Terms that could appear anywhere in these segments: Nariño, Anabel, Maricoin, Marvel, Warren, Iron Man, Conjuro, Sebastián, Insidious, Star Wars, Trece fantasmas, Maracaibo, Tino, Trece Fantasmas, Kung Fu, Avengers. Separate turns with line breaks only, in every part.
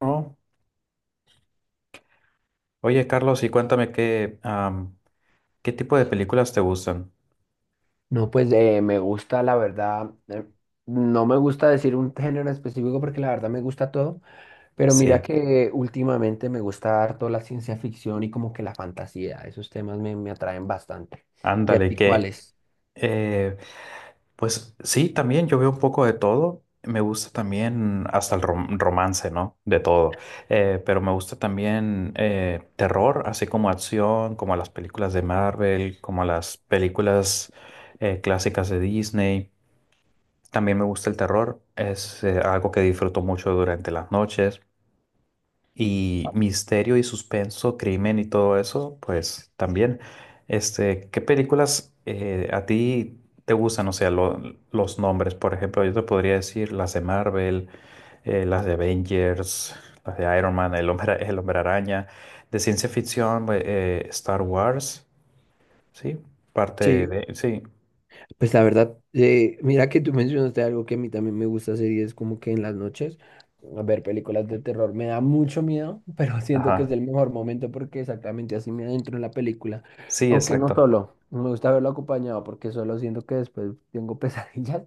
Oh, oye, Carlos, y cuéntame qué, qué tipo de películas te gustan.
No, pues me gusta, la verdad, no me gusta decir un género específico porque la verdad me gusta todo, pero mira
Sí,
que últimamente me gusta harto la ciencia ficción y como que la fantasía, esos temas me atraen bastante. ¿Y a
ándale,
ti
que
cuáles?
eh, pues sí, también yo veo un poco de todo. Me gusta también hasta el romance, ¿no? De todo. Pero me gusta también terror, así como acción, como las películas de Marvel, como las películas clásicas de Disney. También me gusta el terror, es algo que disfruto mucho durante las noches. Y misterio y suspenso, crimen y todo eso, pues también. Este, ¿qué películas a ti te gustan? O sea, los nombres, por ejemplo, yo te podría decir las de Marvel, las de Avengers, las de Iron Man, el hombre araña, de ciencia ficción, Star Wars, ¿sí? Parte
Sí,
de, sí,
pues la verdad, mira que tú mencionaste algo que a mí también me gusta hacer y es como que en las noches a ver películas de terror. Me da mucho miedo, pero siento que es
ajá,
el mejor momento porque exactamente así me adentro en la película.
sí,
Aunque no
exacto.
solo, no me gusta verlo acompañado porque solo siento que después tengo pesadillas,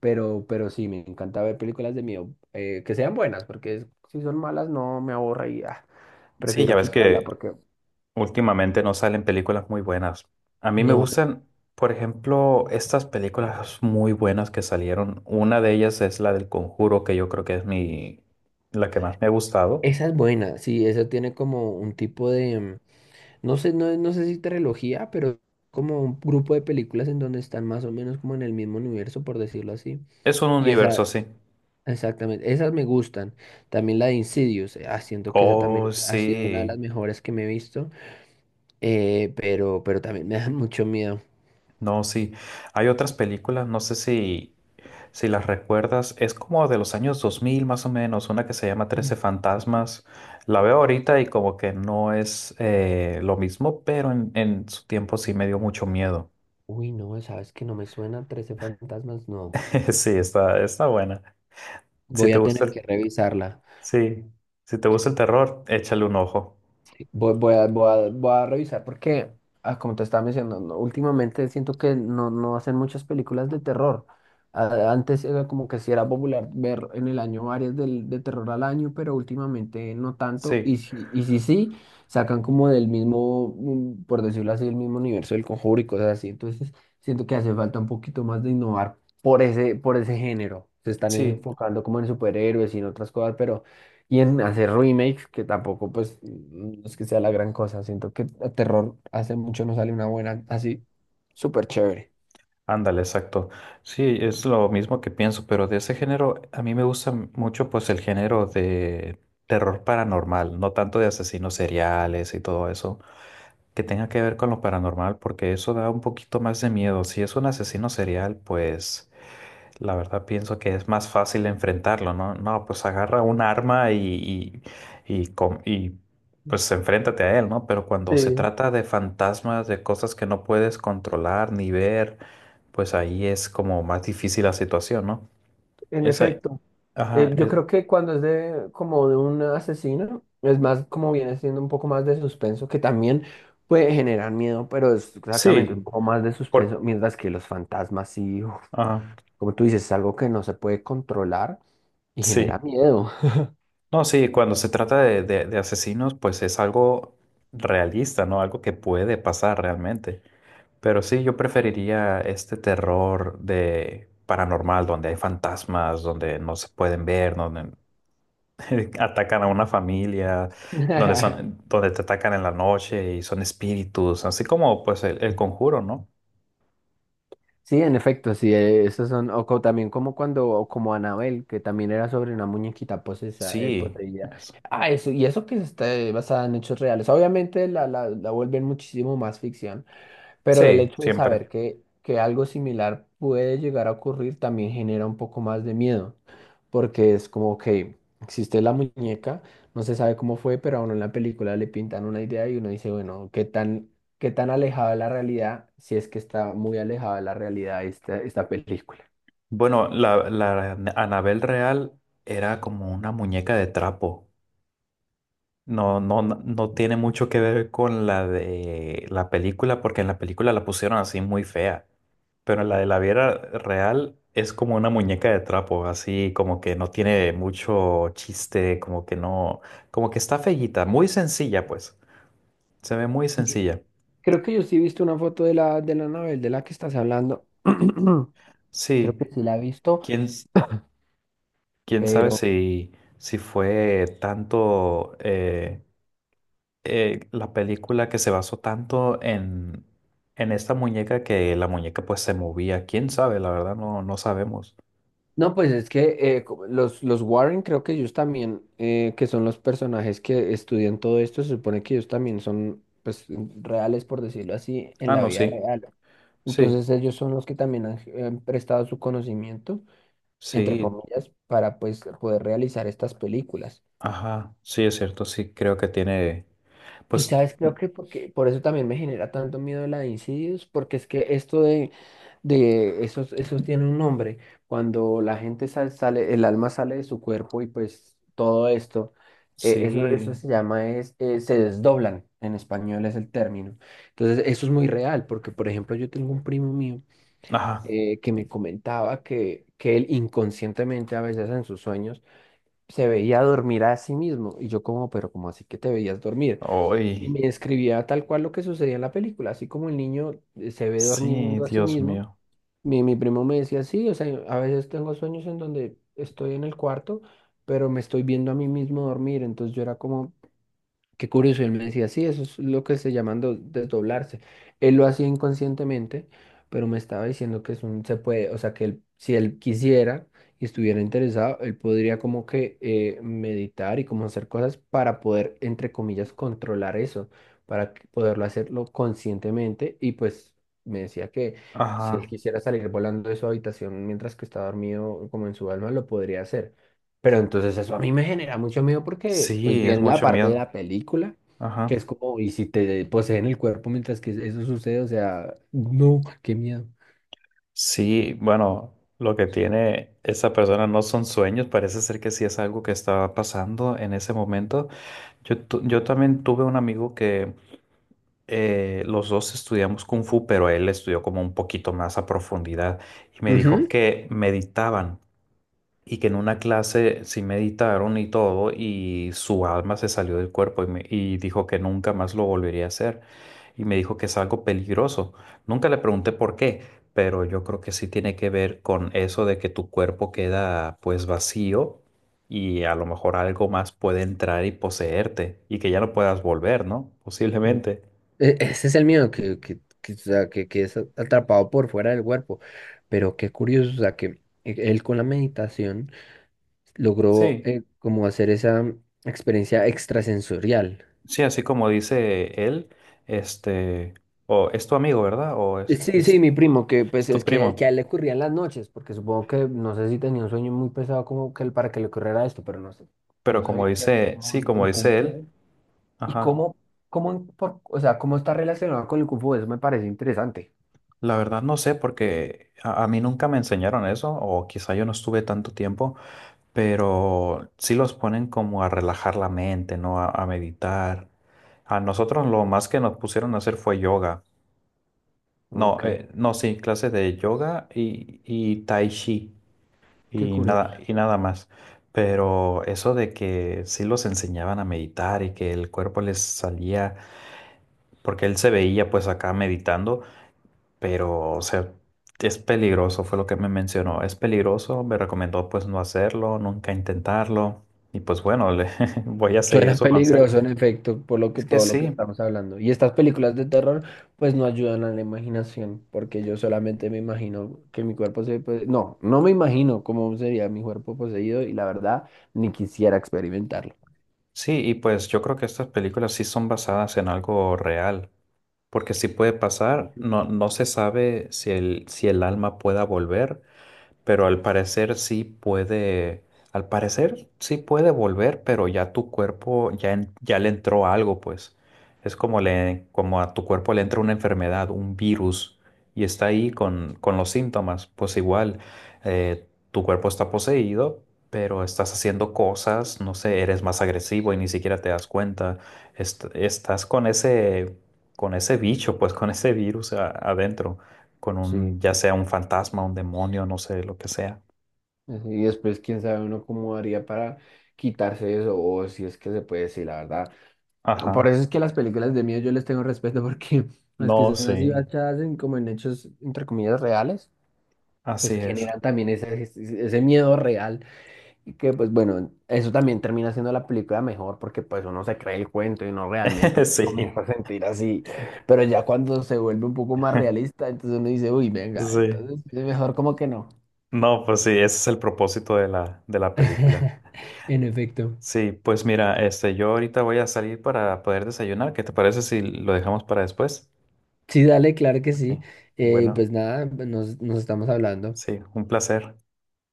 pero sí, me encanta ver películas de miedo que sean buenas porque si son malas no me aborre y ah,
Sí,
prefiero
ya ves
quitarla
que
porque...
últimamente no salen películas muy buenas. A mí me
No,
gustan, por ejemplo, estas películas muy buenas que salieron. Una de ellas es la del Conjuro, que yo creo que es mi la que más me ha gustado.
esa es buena, sí, esa tiene como un tipo de... No sé, no sé si trilogía, pero como un grupo de películas en donde están más o menos como en el mismo universo, por decirlo así.
Es un
Y
universo
esa,
así.
exactamente, esas me gustan. También la de Insidious, siento que esa también
Oh,
ha sido una de
sí.
las mejores que me he visto, pero también me da mucho miedo.
No, sí. Hay otras películas, no sé si si las recuerdas, es como de los años 2000 más o menos, una que se llama Trece
Mm.
Fantasmas. La veo ahorita y como que no es lo mismo, pero en su tiempo sí me dio mucho miedo.
Uy, no, ¿sabes que no me suena Trece fantasmas? No.
Sí, está, está buena. Si
Voy
te
a
gusta
tener
el,
que revisarla.
sí, si te gusta el terror, échale un ojo.
Voy a revisar porque, ah, como te estaba mencionando, no, últimamente siento que no hacen muchas películas de terror. Antes era como que sí era popular ver en el año varias de terror al año, pero últimamente no tanto.
Sí,
Y si sí, sacan como del mismo, por decirlo así, el mismo universo del Conjuro y cosas así. Entonces siento que hace falta un poquito más de innovar por ese género. Se están
sí,
enfocando como en superhéroes y en otras cosas, pero... Y en hacer remakes, que tampoco, pues, no es que sea la gran cosa. Siento que a terror hace mucho no sale una buena, así, súper chévere.
ándale, exacto. Sí, es lo mismo que pienso, pero de ese género, a mí me gusta mucho pues el género de terror paranormal, no tanto de asesinos seriales y todo eso, que tenga que ver con lo paranormal, porque eso da un poquito más de miedo. Si es un asesino serial, pues la verdad pienso que es más fácil enfrentarlo, ¿no? No, pues agarra un arma y, pues enfréntate a él, ¿no? Pero cuando se
Sí,
trata de fantasmas, de cosas que no puedes controlar ni ver, pues ahí es como más difícil la situación, ¿no?
en
Esa,
efecto.
ajá,
Yo creo que cuando es de como de un asesino, es más como viene siendo un poco más de suspenso, que también puede generar miedo, pero es exactamente un
sí,
poco más de suspenso,
por,
mientras que los fantasmas sí, uf,
ajá,
como tú dices, es algo que no se puede controlar y
sí.
genera miedo.
No, sí, cuando se trata de, de asesinos, pues es algo realista, ¿no? Algo que puede pasar realmente. Pero sí, yo preferiría este terror de paranormal, donde hay fantasmas, donde no se pueden ver, donde atacan a una familia, donde son, donde te atacan en la noche y son espíritus, así como pues el conjuro, ¿no?
Sí, en efecto, sí, esos son, o también como cuando, o como Anabel, que también era sobre una muñequita posesa,
Sí,
poseída.
eso.
Ah, eso, y eso que está basada en hechos reales. Obviamente la vuelven muchísimo más ficción, pero el
Sí,
hecho de
siempre.
saber que algo similar puede llegar a ocurrir también genera un poco más de miedo, porque es como que existe la muñeca, no se sabe cómo fue, pero a uno en la película le pintan una idea y uno dice, bueno, ¿qué tan alejada de la realidad, si es que está muy alejada de la realidad esta película?
Bueno, la, la Anabel real era como una muñeca de trapo. No, no, no tiene mucho que ver con la de la película, porque en la película la pusieron así muy fea. Pero la de la Viera real es como una muñeca de trapo, así como que no tiene mucho chiste, como que no, como que está feíta, muy sencilla, pues. Se ve muy
Y
sencilla.
creo que yo sí he visto una foto de de la Anabel de la que estás hablando. Creo
Sí,
que sí la he visto.
quién, quién sabe si, si fue tanto. La película que se basó tanto en esta muñeca que la muñeca pues se movía. ¿Quién sabe? La verdad no, no sabemos.
No, pues es que los Warren creo que ellos también, que son los personajes que estudian todo esto, se supone que ellos también son pues reales, por decirlo así, en
Ah,
la
no,
vida
sí,
real.
sí,
Entonces ellos son los que también han prestado su conocimiento, entre
sí,
comillas, para pues poder realizar estas películas.
ajá, sí es cierto, sí, creo que tiene,
Y
pues
sabes, creo que porque, por eso también me genera tanto miedo la de incidios, porque es que esto de esos, esos tiene un nombre. Cuando la gente sale, el alma sale de su cuerpo y pues todo esto, eso
sí,
se llama, se desdoblan, en español es el término. Entonces, eso es muy real, porque por ejemplo, yo tengo un primo mío
ajá,
que me comentaba que él inconscientemente a veces en sus sueños se veía dormir a sí mismo. Y yo como, pero ¿cómo así que te veías dormir? Y
hoy,
me describía tal cual lo que sucedía en la película, así como el niño se ve
sí,
durmiendo a sí
Dios
mismo.
mío,
Mi primo me decía, sí, o sea, a veces tengo sueños en donde estoy en el cuarto, pero me estoy viendo a mí mismo dormir. Entonces yo era como, qué curioso, y él me decía, sí, eso es lo que se llaman desdoblarse. Él lo hacía inconscientemente, pero me estaba diciendo que es un, se puede, o sea, que él, si él quisiera y estuviera interesado, él podría como que meditar y como hacer cosas para poder, entre comillas, controlar eso, poderlo hacerlo conscientemente. Y pues me decía que si él
ajá,
quisiera salir volando de su habitación mientras que está dormido, como en su alma, lo podría hacer. Pero entonces eso a mí me genera mucho miedo porque pues
sí, es
viene la
mucho
parte de
miedo,
la película, que es
ajá,
como, y si te poseen el cuerpo mientras que eso sucede, o sea, no, qué miedo.
sí, bueno. Lo que tiene esa persona no son sueños, parece ser que sí es algo que estaba pasando en ese momento. Yo, yo también tuve un amigo que los dos estudiamos Kung Fu, pero él estudió como un poquito más a profundidad y me dijo
Ujú.
que meditaban y que en una clase sí meditaron y todo, y su alma se salió del cuerpo y, y dijo que nunca más lo volvería a hacer. Y me dijo que es algo peligroso. Nunca le pregunté por qué, pero yo creo que sí tiene que ver con eso de que tu cuerpo queda pues vacío y a lo mejor algo más puede entrar y poseerte y que ya no puedas volver, ¿no? Posiblemente.
Ese es el miedo, o sea, que es atrapado por fuera del cuerpo. Pero qué curioso, o sea, que él con la meditación logró
Sí,
como hacer esa experiencia extrasensorial.
sí, así como dice él, este, ¿o es tu amigo, ¿verdad? O
Sí, sí, mi primo, que
es
pues
tu
es que a
primo.
él le ocurrían las noches, porque supongo que no sé si tenía un sueño muy pesado como que él para que le ocurriera esto, pero no sé,
Pero
no
como
sabía qué hacer
dice,
como
sí, como
en Kung
dice él,
Fu. Y
ajá,
cómo, o sea, cómo está relacionado con el Kung Fu, eso me parece interesante.
la verdad no sé porque a mí nunca me enseñaron eso o quizá yo no estuve tanto tiempo, pero sí los ponen como a relajar la mente, ¿no? A meditar. A nosotros lo más que nos pusieron a hacer fue yoga. No,
Ok,
no, sí, clase de yoga y tai chi
qué curioso.
y nada más. Pero eso de que sí los enseñaban a meditar y que el cuerpo les salía, porque él se veía pues acá meditando. Pero, o sea, es peligroso, fue lo que me mencionó. Es peligroso, me recomendó pues no hacerlo, nunca intentarlo. Y pues bueno, voy a seguir
Suena
su consejo.
peligroso, en efecto, por lo que
Es que
todo lo
sí,
que estamos hablando. Y estas películas de terror, pues no ayudan a la imaginación, porque yo solamente me imagino que mi cuerpo se... no, no me imagino cómo sería mi cuerpo poseído y la verdad, ni quisiera experimentarlo.
sí, y pues yo creo que estas películas sí son basadas en algo real, porque sí puede pasar,
Ujú.
no, no se sabe si el, si el alma pueda volver, pero al parecer sí puede, al parecer sí puede volver, pero ya tu cuerpo ya, ya le entró algo, pues. Es como le, como a tu cuerpo le entra una enfermedad, un virus, y está ahí con los síntomas. Pues igual, tu cuerpo está poseído, pero estás haciendo cosas, no sé, eres más agresivo y ni siquiera te das cuenta. Estás con ese bicho, pues con ese virus adentro con
Sí.
un, ya sea un fantasma, un demonio, no sé, lo que sea.
Así, y después, quién sabe uno cómo haría para quitarse eso, o si es que se puede, sí, la verdad. Por
Ajá.
eso es que las películas de miedo yo les tengo respeto, porque las
No,
que son
sí,
así basadas en como en hechos, entre comillas, reales. Pues
así es.
generan también ese ese miedo real y que pues bueno, eso también termina siendo la película mejor porque pues uno se cree el cuento y no realmente
Sí,
comienza a sentir así, pero ya cuando se vuelve un poco más realista, entonces uno dice, uy, venga,
sí.
entonces es mejor como que no.
No, pues sí, ese es el propósito de la película.
En efecto.
Sí, pues mira, este, yo ahorita voy a salir para poder desayunar. ¿Qué te parece si lo dejamos para después?
Sí, dale, claro que sí.
Ok.
Pues
Bueno,
nada, nos estamos hablando.
sí, un placer.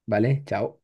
Vale, chao.